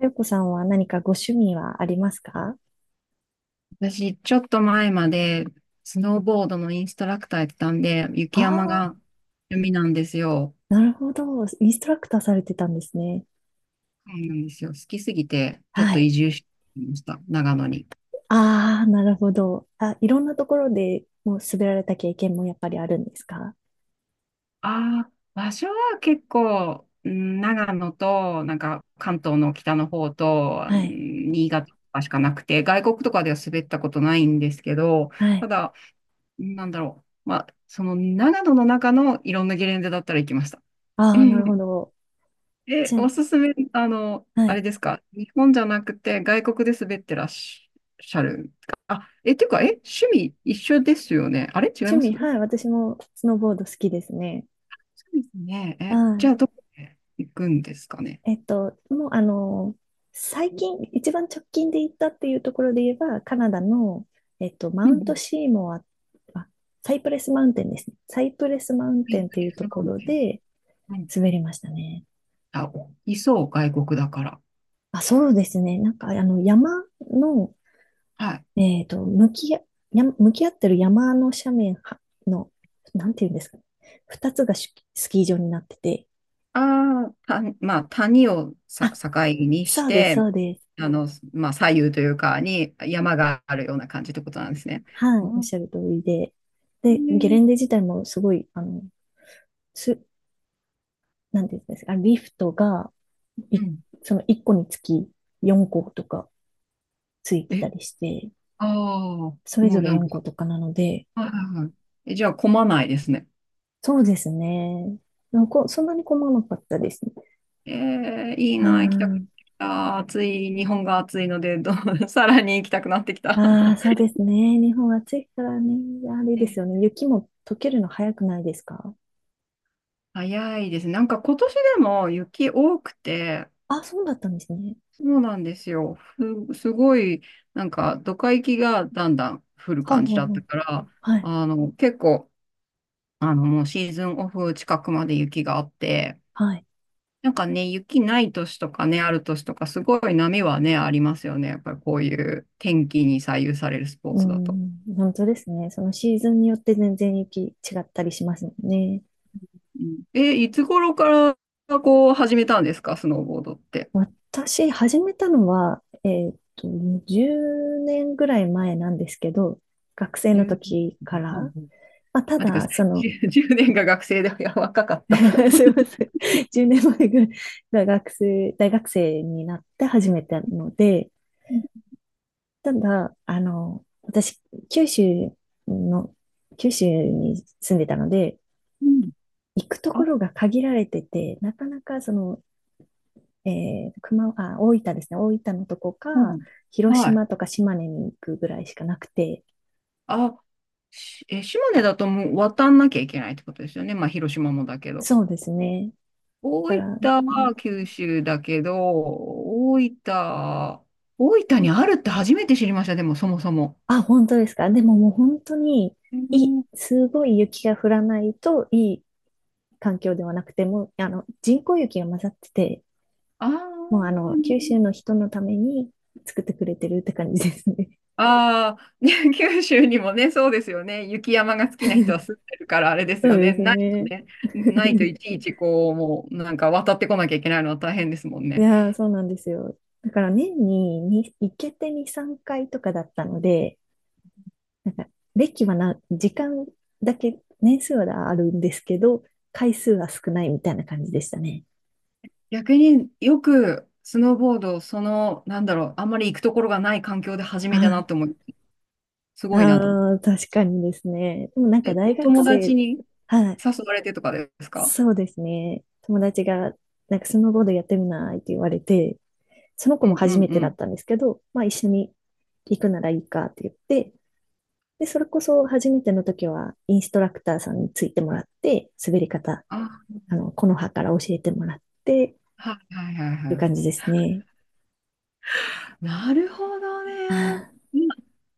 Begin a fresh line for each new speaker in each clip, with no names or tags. あやこさんは何かご趣味はありますか？
私、ちょっと前まで、スノーボードのインストラクターやってたんで、雪山
ああ
が趣味なんですよ。
ー、なるほど。インストラクターされてたんですね。
そうなんですよ。好きすぎて、ちょっ
は
と
い。
移住してきました。長野に。
ああ、なるほど。あ、いろんなところでもう滑られた経験もやっぱりあるんですか？
ああ、場所は結構、うん長野と、なんか関東の北の方と、う
はい。
ん新潟とかしかなくて、外国とかでは滑ったことないんですけど、
はい。
ただ、なんだろう。まあ、その長野の中のいろんなゲレンデだったら行きました。う
ああ、なるほ
ん
ど。し
おすすめ、あの、
は
あ
い。
れですか、日本じゃなくて外国で滑ってらっしゃるんですか。あ、っていうか、趣味一緒ですよね。あれ違い
趣
ます
味、
そ
はい。私もスノーボード好きですね。
うですね。
は
じゃ
い。
あ、どこへ行くんですかね。
もう最近、一番直近で行ったっていうところで言えば、カナダの、マ
うん
ウン
う
ト
ん。
シーモア、あ、サイプレスマウンテンですね。サイプレスマウン
は
テンというとこ
い、
ろで
うん
滑りましたね。
あ、いそう、外国だから。
あ、そうですね。なんか、山の、
はい。
えっと、向きあ、向き合ってる山の斜面はの、なんていうんですかね。二つがスキー場になってて、
ああ、まあ、谷をさ、
あ、
境にし
そうです、
て、
そうです。
あの、まあ、左右というか、に山があるような感じってことなんですね。
はい、
う
おっ
ん。
しゃる通りで。で、ゲレ
ね
ンデ自体もすごい、す、なんていうんですか、リフトが、い
うん。
その1個につき4個とかついて
え、
たりして、
ああ、も
それぞ
う
れ
なん
4個
か、
とかなので、
はいはいはい。じゃあ混まないですね。
そうですね。なんかそんなに困らなかったですね。
えー、いいな、行きたくなって
あ
きた。暑い、日本が暑いので、さらに行きたくなってき
あ、
た。
ああ、そうですね。日本暑いからね。あれ
え
ですよ
ー
ね。雪も溶けるの早くないですか？
早いですね。なんか今年でも雪多くて、
あ、そうだったんですね。
そうなんですよ。すごい、なんかドカ雪がだんだん降る
はあ、は
感じ
あ
だった
は
から、
あはい、
あの、結構、あの、もうシーズンオフ近くまで雪があって、
はい。
なんかね、雪ない年とかね、ある年とか、すごい波はね、ありますよね。やっぱりこういう天気に左右されるスポー
う
ツだと。
ん、本当ですね。そのシーズンによって全然雪違ったりしますもんね。
うんいつ頃からこう始めたんですか、スノーボードって。
私、始めたのは、10年ぐらい前なんですけど、学生の
10、
時から、
うんうん
まあ、た
待ってくださ
だ、その。
い。10 年が学生でいや若かった。
すいません、10年前ぐらい学生、大学生になって始めたので、
うん
ただ、私、九州の、九州に住んでたので、
うん
行くとこ
あ、
ろが限られてて、なかなかあ、大分ですね。大分のとこか、
うん
広
は
島と
い。
か島根に行くぐらいしかなくて。
あ、島根だともう渡んなきゃいけないってことですよね。まあ、広島もだけど。
そうですね。だか
大
ら、
分は九州だけど、大分にあるって初めて知りました、でもそもそも。
あ、本当ですか。でももう本当に、
へー
すごい雪が降らないといい環境ではなくて、もう、人工雪が混ざってて、
あ
もう
ー
九州の人のために作ってくれてるって感じですね。
あー、ね 九州にもね、そうですよね。雪山が好きな人は住んでるから、あれで す
そう
よ
で
ね。
す
ないと
ね。
ね、ないとい ちいちこう、もうなんか渡ってこなきゃいけないのは大変ですもん
い
ね。
やー、そうなんですよ。だから年に行けて2、3回とかだったので、なんか、歴はな、時間だけ、年数はあるんですけど、回数は少ないみたいな感じでしたね。
逆によくスノーボードその、なんだろう、あんまり行くところがない環境で初めてな
あ
って思う。すごいなと思
あー、確かにですね。でもなんか
う。
大
お
学
友達
生、
に
はい、
誘われてとかですか
そうですね。友達が、なんかスノーボードやってみないって言われて、その
う
子も
んう
初
ん
め
う
てだっ
ん。
たんですけど、まあ一緒に行くならいいかって言って、で、それこそ初めての時はインストラクターさんについてもらって、滑り方、
あ、
木の葉から教えてもらって、
はいはいはい
っていう
はい。
感じですね。
なるほどね。今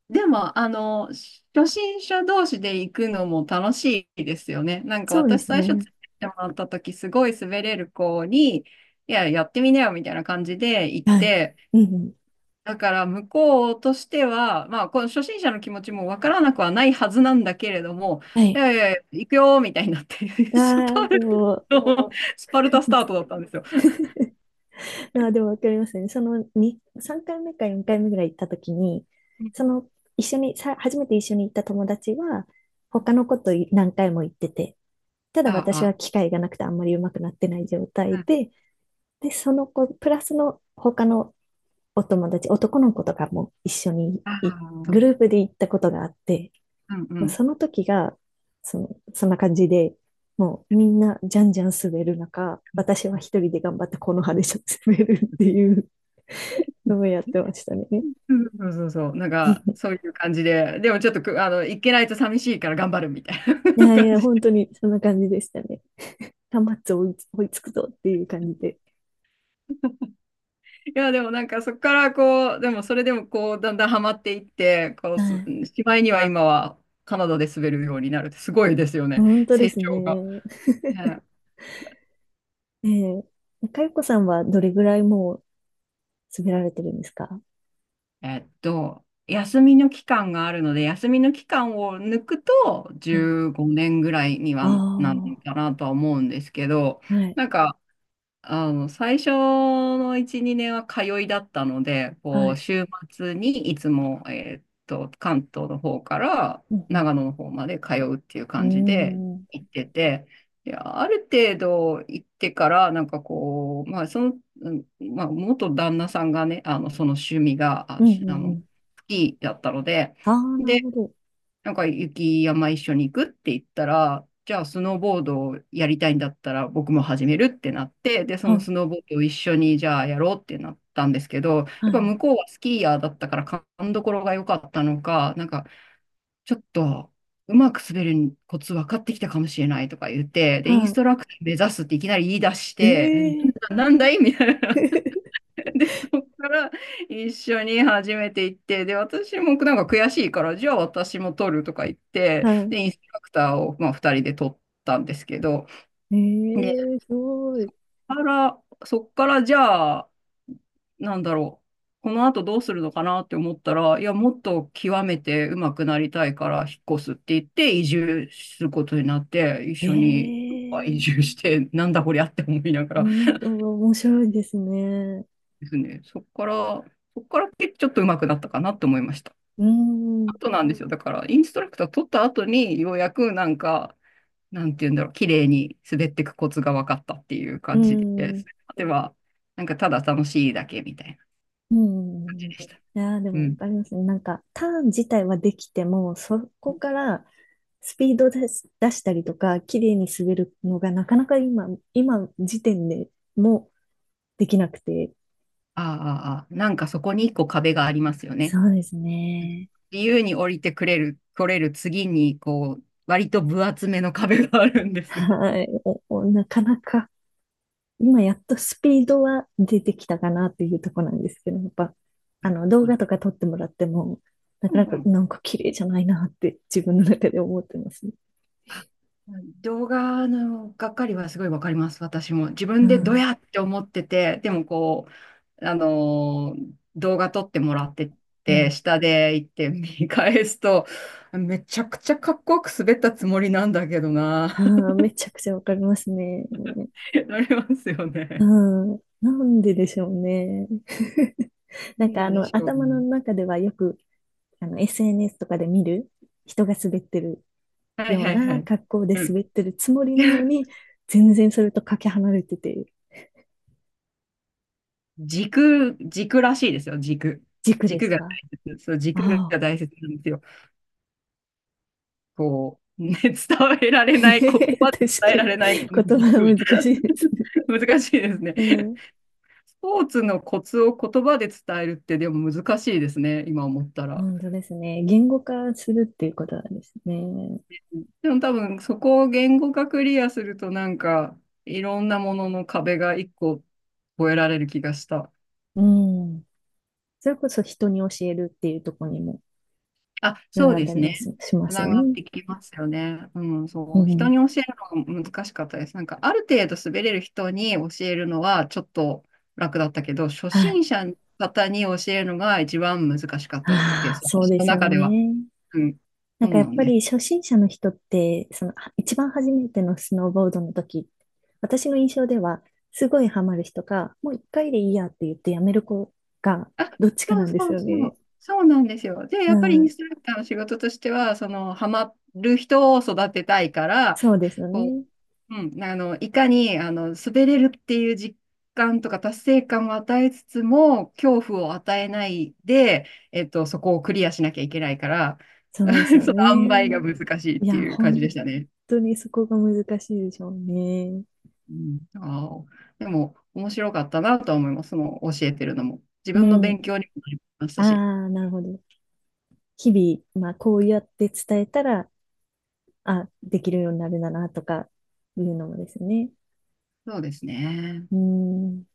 でも、あの、初心者同士で行くのも楽しいですよね。なんか
そうで
私
す
最初つ
ね。
いてってもらった時、すごい滑れる子に、いや、やってみなよみたいな感じで行っ
はい。
て、
うんうん。
だから向こうとしては、まあ、この初心者の気持ちもわからなくはないはずなんだけれども、
は
い
い。
やいやいや、行くよみたいになって、
あ
ス
あ、
パ
で
ル
も、わか
タの、スパル
り
タス
ま
ター
す。
トだったんですよ。
ああ、でもわかりますね。そのに3回目か4回目ぐらい行った時に、その一緒に、初めて一緒に行った友達は、他の子と何回も行ってて、ただ
あ
私
あ、
は機会がなくてあんまり上手くなってない状
う
態
ん
で、で、その子、プラスの他のお友達、男の子とかも一緒に
あ
グルー
あ、
プで行ったことがあって、
うんう
まあ、
ん。
その時が、その、そんな感じで、もうみんなじゃんじゃん滑る中、私は一人で頑張ってこの葉で滑るっていうのをやってましたね。
そうそうそう、なんか そういう感じで、でもちょっとあの行けないと寂しいから頑張るみたい
い
な
やい
感
や、
じ。
本当にそんな感じでしたね。端末追いつくぞっていう感じで。
いや、でもなんかそこからこう、でもそれでもこう、だんだんハマっていって、こう
は
す、
い。
しまいには今はカナダで滑るようになるって、すごいですよね、
本当で
成
す
長が。
ね。
はい
えかよこさんはどれぐらいもう滑られてるんですか？
休みの期間があるので、休みの期間を抜くと
はい。
15年ぐらいにはなん
あ
かなとは思うんですけど、
あ、はい、
なんか、あの、最初の1、2年は通いだったので、こ
は
う、
い。
週末にいつも、関東の方から
うん
長野の方まで通うっていう
う
感じで
ん。うーん。
行ってて、で、ある程度行ってから、なんかこう、まあ、その、うんまあ、元旦那さんがね、あの、その趣味が、
う
あ、
んう
あ
んう
の、
ん。
スキーだったので、
ああ、なるほど。
なんか雪山一緒に行くって言ったら、じゃあスノーボードをやりたいんだったら僕も始めるってなって、で、その
は、
スノーボードを一緒にじゃあやろうってなったんですけど、やっ
は
ぱ
い。
向こうはスキーヤーだったから勘どころが良かったのか、なんかちょっとうまく滑るコツ分かってきたかもしれないとか言って、で、インス
は
トラクター目指すっていきなり言い出し
い。
て、なん
へえ。
だ、なんだいみたいな。で、そこから一緒に始めていって、で、私もなんか悔しいから、じゃあ私も撮るとか言って、で、
は
インストラクターを、まあ、2人で撮ったんですけど、
い。
で、
ええ、すごい。
あら、そこからじゃあ、なんだろう、この後どうするのかなって思ったら、いや、もっと極めて上手くなりたいから引っ越すって言って、移住することになって、一緒に
え
移
え、
住して、なんだこりゃって思いながら
本当は面白いですね。
ですね、そこからちょっと上手くなったかなって思いました。
うん、う
ことなんですよ。だから、インストラクター取った後に、ようやくなんか、なんていうんだろう、綺麗に滑っていくコツが分かったっていう感じで
ん、
す。では、なんかただ楽しいだけみたいな
うん。い
でした。
やー、で
う
もわ
ん。
かりますね。なんか、ターン自体はできても、そこからスピード出し、出したりとか、綺麗に滑るのがなかなか今時点でもできなくて。
ああ、ああなんかそこに一個壁がありますよね。
そうですね。
自由に降りてくれる、来れる次に、こう、割と分厚めの壁があるんですよ。
はい。おおなかなか。今やっとスピードは出てきたかなっていうところなんですけど、やっぱ、動
うん
画とか撮ってもらっても、な
う
かなか
ん
なんか綺麗じゃないなって自分の中で思ってますね。
あ動画のがっかりはすごいわかります、私も。自
う
分でド
ん。
ヤって思ってて、でもこう、動画撮ってもらって
う
て、
ん。
下で行って見返すと、めちゃくちゃかっこよく滑ったつもりなんだけどな、
ああ、めちゃくちゃわかりますね。
なりますよ
う
ね。
ん。なんででしょうね。なんか
なんでしょう
頭の
ね。
中ではよく、SNS とかで見る人が滑ってる
はい
よう
はいは
な
い。
格好で
うん。
滑ってるつもりなの に、全然それとかけ離れてて、
軸、軸らしいですよ、軸。
軸で
軸
す
が
か？
大切。そう、軸
ああ。
が大切なんですよ。こう、ね、伝えら れ
確
ない、言葉で伝え
か
ら
に。
れないこの
言葉は
憎み。
難しいですね。
難しいですね。
うん。
スポーツのコツを言葉で伝えるってでも難しいですね、今思ったら。
本当ですね。言語化するっていうことなんですね。
でも多分そこを言語化クリアするとなんかいろんなものの壁が一個越えられる気がした。
うん。それこそ人に教えるっていうところにも
あ、
つな
そう
がっ
で
た
す
り
ね。
ます、しま
つ
す
な
よ
がっ
ね。
てきますよね。うん、
う
そう。人
ん。
に教えるのが難しかったです。なんか、ある程度滑れる人に教えるのはちょっと楽だったけど、初
はい。
心者の方に教えるのが一番難しかったで
ああ、
す。
そう
私
で
の
すよ
中では。
ね。
うん。
なん
そ
か
う
や
な
っ
ん
ぱ
です。
り初心者の人って、そのは一番初めてのスノーボードの時、私の印象では、すごいハマる人か、もう一回でいいやって言ってやめる子が、
あ、
どっちか
そ
な
う
んです
そう
よ
そ
ね。
う。そうなんですよ。で、
う
やっぱりイン
ん。
ストラクターの仕事としては、その、ハマる人を育てたいから、
そうですよ
こ
ね。
ううん、あの、いかに、あの、滑れるっていう実感とか達成感を与えつつも、恐怖を与えないで、そこをクリアしなきゃいけないから、
そうです よ
その塩梅
ね。
が難しいっ
い
て
や、
いう感じ
本
でしたね。
当にそこが難しいでしょうね。
うん、あーでも、面白かったなとは思います。その、教えてるのも。自
う
分の勉
ん。
強にもなりまし
あ
たし。
あ、なるほど。日々、まあ、こうやって伝えたら、あ、できるようになるんだな、とかいうのもですね。
そうですね。
うん。